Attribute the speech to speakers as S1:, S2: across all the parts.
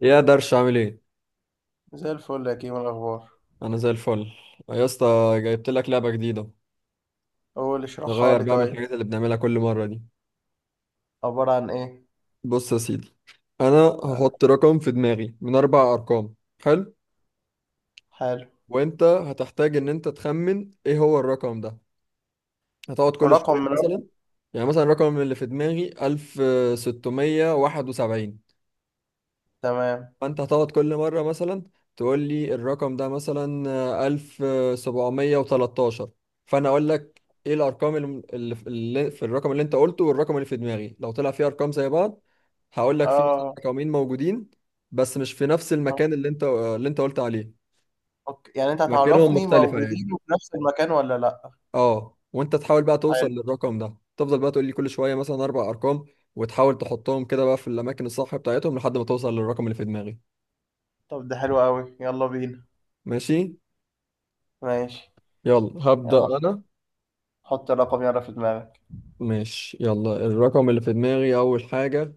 S1: يا درش، عامل ايه؟
S2: زي الفل يا كيمو، الأخبار؟
S1: انا زي الفل يا اسطى. جايبت لك لعبه جديده.
S2: قول اشرحها
S1: نغير
S2: لي
S1: بقى من
S2: طيب.
S1: الحاجات اللي بنعملها كل مره دي.
S2: عبارة عن إيه؟
S1: بص يا سيدي، انا
S2: آه.
S1: هحط رقم في دماغي من اربع ارقام. حلو.
S2: حلو.
S1: وانت هتحتاج ان انت تخمن ايه هو الرقم ده. هتقعد كل
S2: ورقم
S1: شويه
S2: من.
S1: مثلا. يعني مثلا الرقم اللي في دماغي 1671.
S2: تمام.
S1: فانت هتقعد كل مرة مثلا تقول لي الرقم ده مثلا 1713. فانا اقول لك ايه الارقام اللي في الرقم اللي انت قلته والرقم اللي في دماغي، لو طلع فيه ارقام زي بعض هقول لك في مثلا
S2: آه.
S1: رقمين موجودين بس مش في نفس
S2: آه.
S1: المكان اللي انت قلت عليه.
S2: أوكي، يعني أنت
S1: مكانهم
S2: هتعرفني
S1: مختلفة
S2: موجودين
S1: يعني.
S2: في نفس المكان ولا لأ؟
S1: اه، وانت تحاول بقى توصل
S2: حلو.
S1: للرقم ده، تفضل بقى تقول لي كل شوية مثلا اربع ارقام وتحاول تحطهم كده بقى في الاماكن الصح بتاعتهم لحد ما توصل للرقم اللي في دماغي.
S2: طب ده حلو أوي، يلا بينا.
S1: ماشي،
S2: ماشي.
S1: يلا هبدأ
S2: يلا
S1: انا.
S2: حط الرقم يلا في دماغك.
S1: ماشي، يلا الرقم اللي في دماغي أول حاجة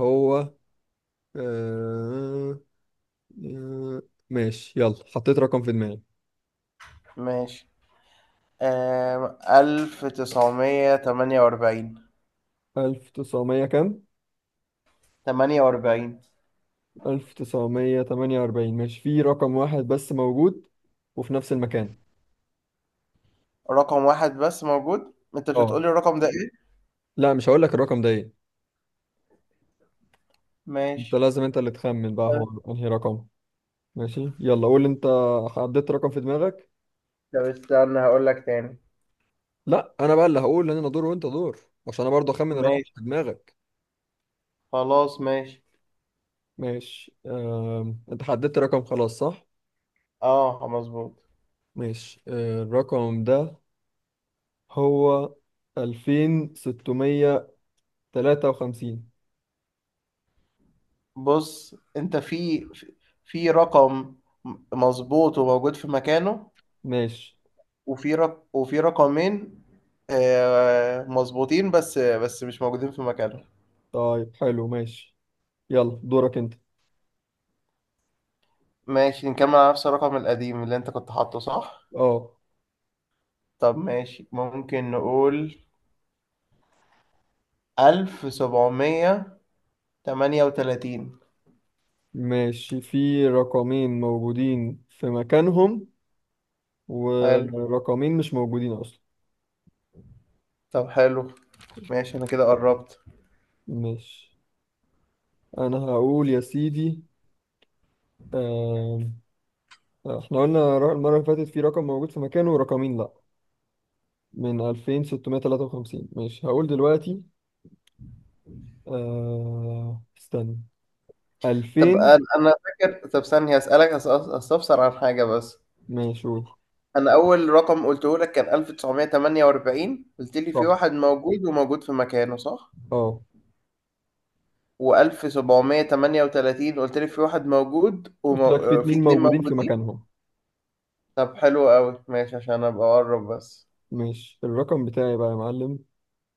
S1: هو آه... آه، ماشي، يلا حطيت رقم في دماغي.
S2: ماشي. 1948.
S1: ألف تسعمية كام؟
S2: تمانية وأربعين.
S1: 1948 ماشي، في رقم واحد بس موجود وفي نفس المكان.
S2: رقم واحد بس موجود، أنت مش
S1: اه.
S2: هتقولي الرقم ده إيه؟
S1: لا، مش هقول لك الرقم ده ايه. انت
S2: ماشي.
S1: لازم انت اللي تخمن بقى
S2: طب
S1: هو انهي رقم. ماشي، يلا قول انت. حددت رقم في دماغك.
S2: طب استنى هقولك تاني.
S1: لا، انا بقى اللي هقول ان انا دور وانت دور. عشان انا برضه اخمن الرقم
S2: ماشي.
S1: في دماغك.
S2: خلاص ماشي.
S1: ماشي. انت حددت رقم خلاص، صح؟
S2: اه مظبوط.
S1: ماشي، الرقم ده هو 2653.
S2: بص انت في رقم مظبوط وموجود في مكانه.
S1: ماشي.
S2: وفي رقمين مظبوطين بس مش موجودين في مكانه.
S1: طيب حلو، ماشي. يلا دورك انت.
S2: ماشي، نكمل على نفس الرقم القديم اللي انت كنت حاطه صح.
S1: اه.
S2: طب ماشي، ممكن نقول 1738.
S1: ماشي، في رقمين موجودين في مكانهم
S2: حلو.
S1: ورقمين مش موجودين اصلا.
S2: طب حلو ماشي، انا كده قربت.
S1: ماشي. انا هقول يا سيدي. آم، احنا قلنا المرة اللي فاتت في رقم موجود في مكانه ورقمين لا، من 2653. ماشي هقول دلوقتي. آه،
S2: طب
S1: استنى.
S2: انا فاكر، طب ثانية اسألك استفسر عن حاجة بس.
S1: ماشي قول.
S2: انا اول رقم قلته لك كان 1948، قلت لي في
S1: صح،
S2: واحد موجود وموجود في مكانه صح.
S1: اه،
S2: و1738 قلت لي في واحد موجود
S1: قلت لك في
S2: وفي
S1: اتنين
S2: اتنين
S1: موجودين في
S2: موجودين.
S1: مكانهم.
S2: طب حلو قوي ماشي عشان ابقى اقرب بس.
S1: ماشي. الرقم بتاعي بقى يا معلم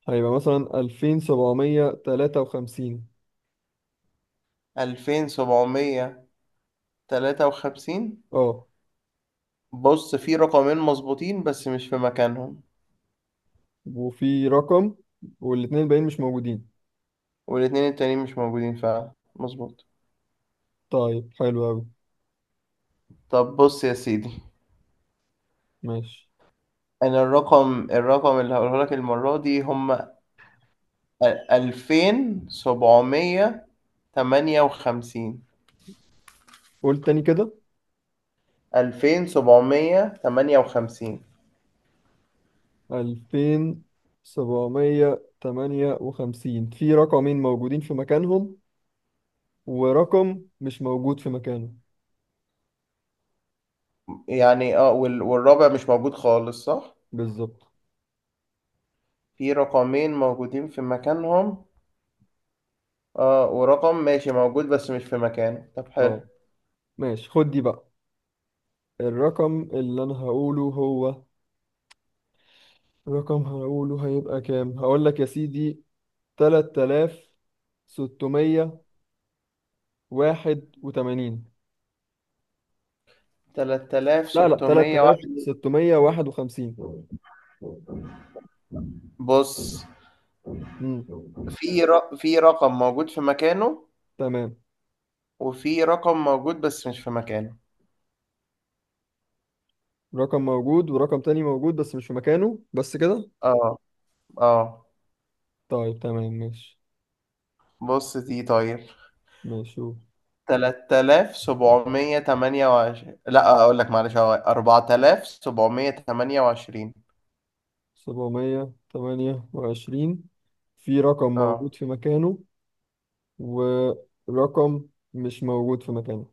S1: هيبقى مثلا 2753.
S2: 2753.
S1: اه،
S2: بص في رقمين مظبوطين بس مش في مكانهم.
S1: وفي رقم والاتنين الباقيين مش موجودين.
S2: والاتنين التانيين مش موجودين فعلا، مظبوط.
S1: طيب حلو أوي.
S2: طب بص يا سيدي،
S1: ماشي.
S2: انا الرقم الرقم اللي هقوله لك المرة دي هم 2758.
S1: قول تاني كده.
S2: 2758.
S1: 2758 في رقمين موجودين في مكانهم ورقم مش موجود في مكانه.
S2: يعني اه والرابع مش موجود خالص صح؟
S1: بالظبط.
S2: في رقمين موجودين في مكانهم، اه ورقم ماشي موجود بس مش في مكانه. طب
S1: اه.
S2: حلو.
S1: ماشي، خد دي بقى. الرقم اللي أنا هقوله هو رقم هقوله هيبقى كام. هقول لك يا سيدي 3681.
S2: تلات آلاف
S1: لا لا،
S2: ستمية واحد
S1: 3651.
S2: بص
S1: امم.
S2: في رقم موجود في مكانه،
S1: تمام.
S2: وفي رقم موجود بس مش في مكانه.
S1: رقم موجود ورقم تاني موجود بس مش في مكانه، بس كده.
S2: اه. اه.
S1: طيب تمام، ماشي.
S2: بص دي طيب.
S1: ماشي شوف.
S2: 3728، لا اقول لك معلش، هو 4728.
S1: 728، في رقم
S2: اه
S1: موجود في مكانه ورقم مش موجود في مكانه.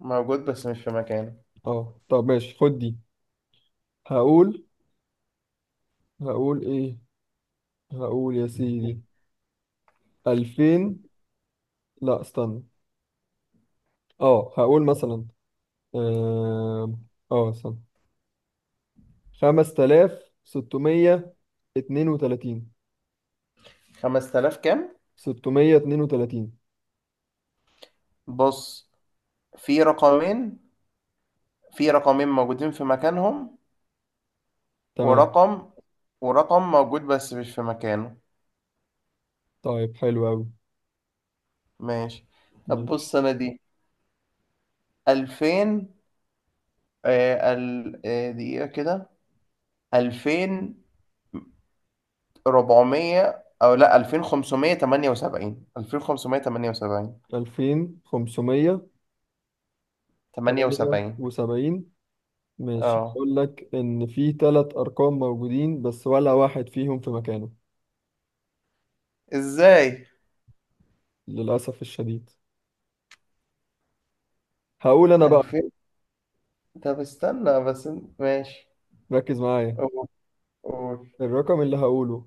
S2: موجود بس مش في مكانه.
S1: اه، طب ماشي خد دي. هقول هقول ايه. هقول يا سيدي 2000. لا، استنى. اه هقول مثلا. اه استنى. 5632.
S2: 5000 كام؟
S1: 632.
S2: بص في رقمين في رقمين موجودين في مكانهم،
S1: تمام.
S2: ورقم ورقم موجود بس مش في مكانه.
S1: طيب حلو قوي.
S2: ماشي. طب
S1: ماشي.
S2: بص انا دي 2000. آه ال... آه دقيقة كده، 2400، او لا، 2578. 2578.
S1: 2578.
S2: 78.
S1: ماشي،
S2: اه.
S1: اقول لك ان في ثلاث ارقام موجودين بس ولا واحد فيهم في مكانه.
S2: ازاي؟
S1: للاسف الشديد. هقول انا بقى.
S2: 2000. طب استنى بس ماشي.
S1: ركز معايا.
S2: قول. قول
S1: الرقم اللي هقوله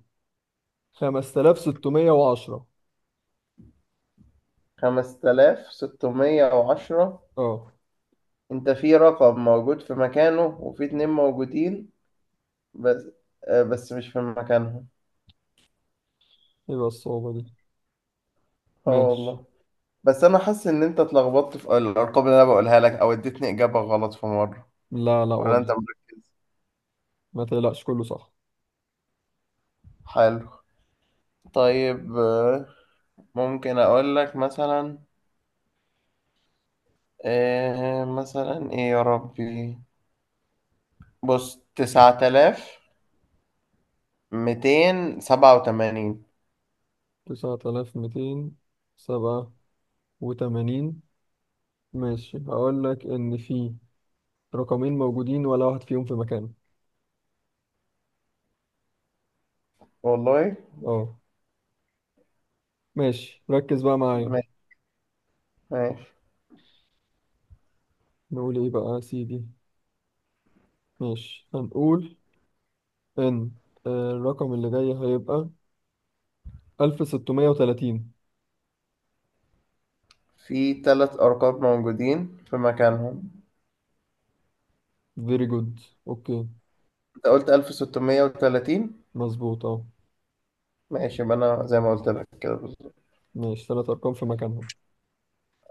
S1: 5610.
S2: 5610.
S1: اه.
S2: انت في رقم موجود في مكانه، وفي اتنين موجودين بس بس مش في مكانهم.
S1: يبقى الصعوبة دي.
S2: اه
S1: ماشي.
S2: والله. بس انا حاسس ان انت اتلخبطت في الارقام اللي انا بقولها لك او اديتني اجابة غلط في مرة.
S1: لا لا
S2: ولا انت
S1: والله.
S2: مركز.
S1: ما تقلقش، كله صح.
S2: حلو. طيب ممكن اقول لك مثلا مثلا ايه يا ربي. بص 9287.
S1: 9287. ماشي هقول لك إن في رقمين موجودين ولا واحد فيهم في مكانه.
S2: والله.
S1: اه. ماشي، ركز بقى معايا.
S2: ماشي. ماشي.
S1: نقول إيه بقى يا سيدي. ماشي هنقول إن الرقم اللي جاي هيبقى 1630.
S2: في تلات أرقام موجودين في مكانهم.
S1: فيري جود. أوكي.
S2: أنت قلت 1630.
S1: مظبوط، اه.
S2: ماشي، يبقى أنا زي ما قلت لك كده بالظبط.
S1: ماشي، تلات أرقام في مكانهم.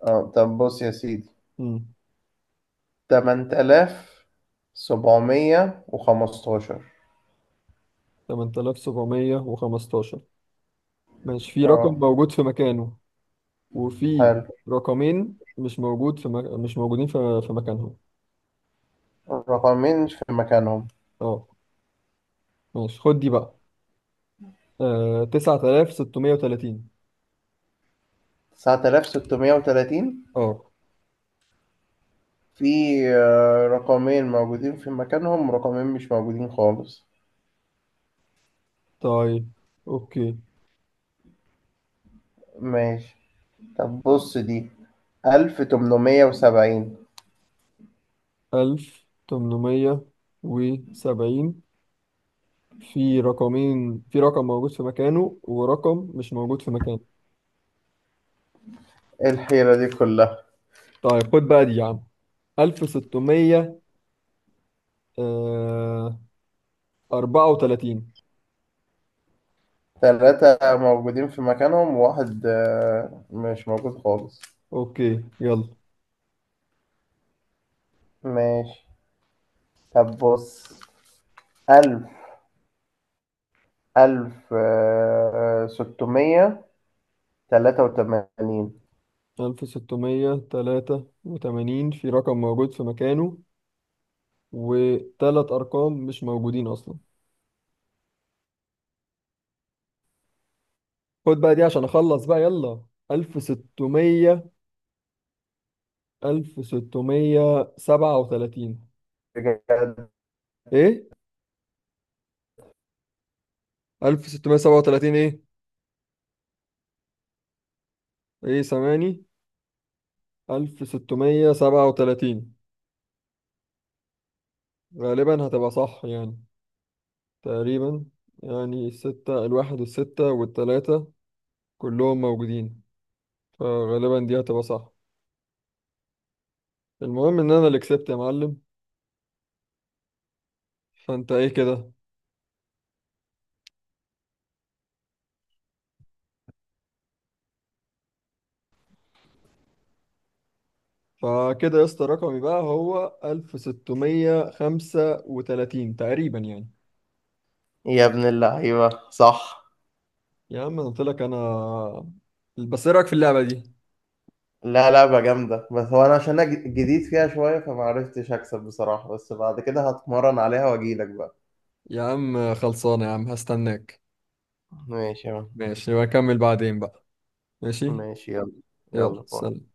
S2: أه طب بص يا سيدي. 8715.
S1: 8715. ماشي، في رقم
S2: أه.
S1: موجود في مكانه وفي
S2: حلو.
S1: رقمين مش موجودين في مكانهم.
S2: الرقمين في مكانهم.
S1: اه. ماشي خد دي بقى. 9630.
S2: 9630.
S1: اه.
S2: في رقمين موجودين في مكانهم، ورقمين مش موجودين خالص.
S1: طيب. اوكي.
S2: ماشي. طب بص دي. 1870.
S1: 1870، في رقم موجود في مكانه ورقم مش موجود في مكانه.
S2: إيه الحيرة دي كلها؟
S1: طيب خد بقى دي يا عم. 1634.
S2: تلاتة موجودين في مكانهم وواحد مش موجود خالص.
S1: اوكي يلا.
S2: ماشي. طب بص. ألف ألف ستمية تلاتة وتمانين.
S1: 1683 في رقم موجود في مكانه وتلات أرقام مش موجودين أصلا. خد بقى دي عشان أخلص بقى، يلا. ألف ستمية. 1637.
S2: بجد.
S1: إيه؟ 1637 إيه؟ إيه، سامعني؟ 1637 غالبا هتبقى صح يعني. تقريبا. يعني الستة الواحد والستة والتلاتة كلهم موجودين. فغالبا دي هتبقى صح. المهم إن أنا اللي كسبت يا معلم. فأنت إيه كده؟ فكده يا اسطى رقمي بقى هو 1635 تقريبا يعني.
S2: يا ابن اللعيبة صح.
S1: يا عم انا قلت لك انا. بس ايه رايك في اللعبه دي.
S2: لا، لعبة جامدة، بس هو أنا عشان أنا جديد فيها شوية فمعرفتش أكسب بصراحة، بس بعد كده هتمرن عليها وأجيلك بقى.
S1: يا عم خلصانه، يا عم هستناك.
S2: ماشي يا عم.
S1: ماشي نبقى نكمل بعدين بقى. ماشي.
S2: ماشي يلا. يلا
S1: يلا
S2: باي.
S1: سلام.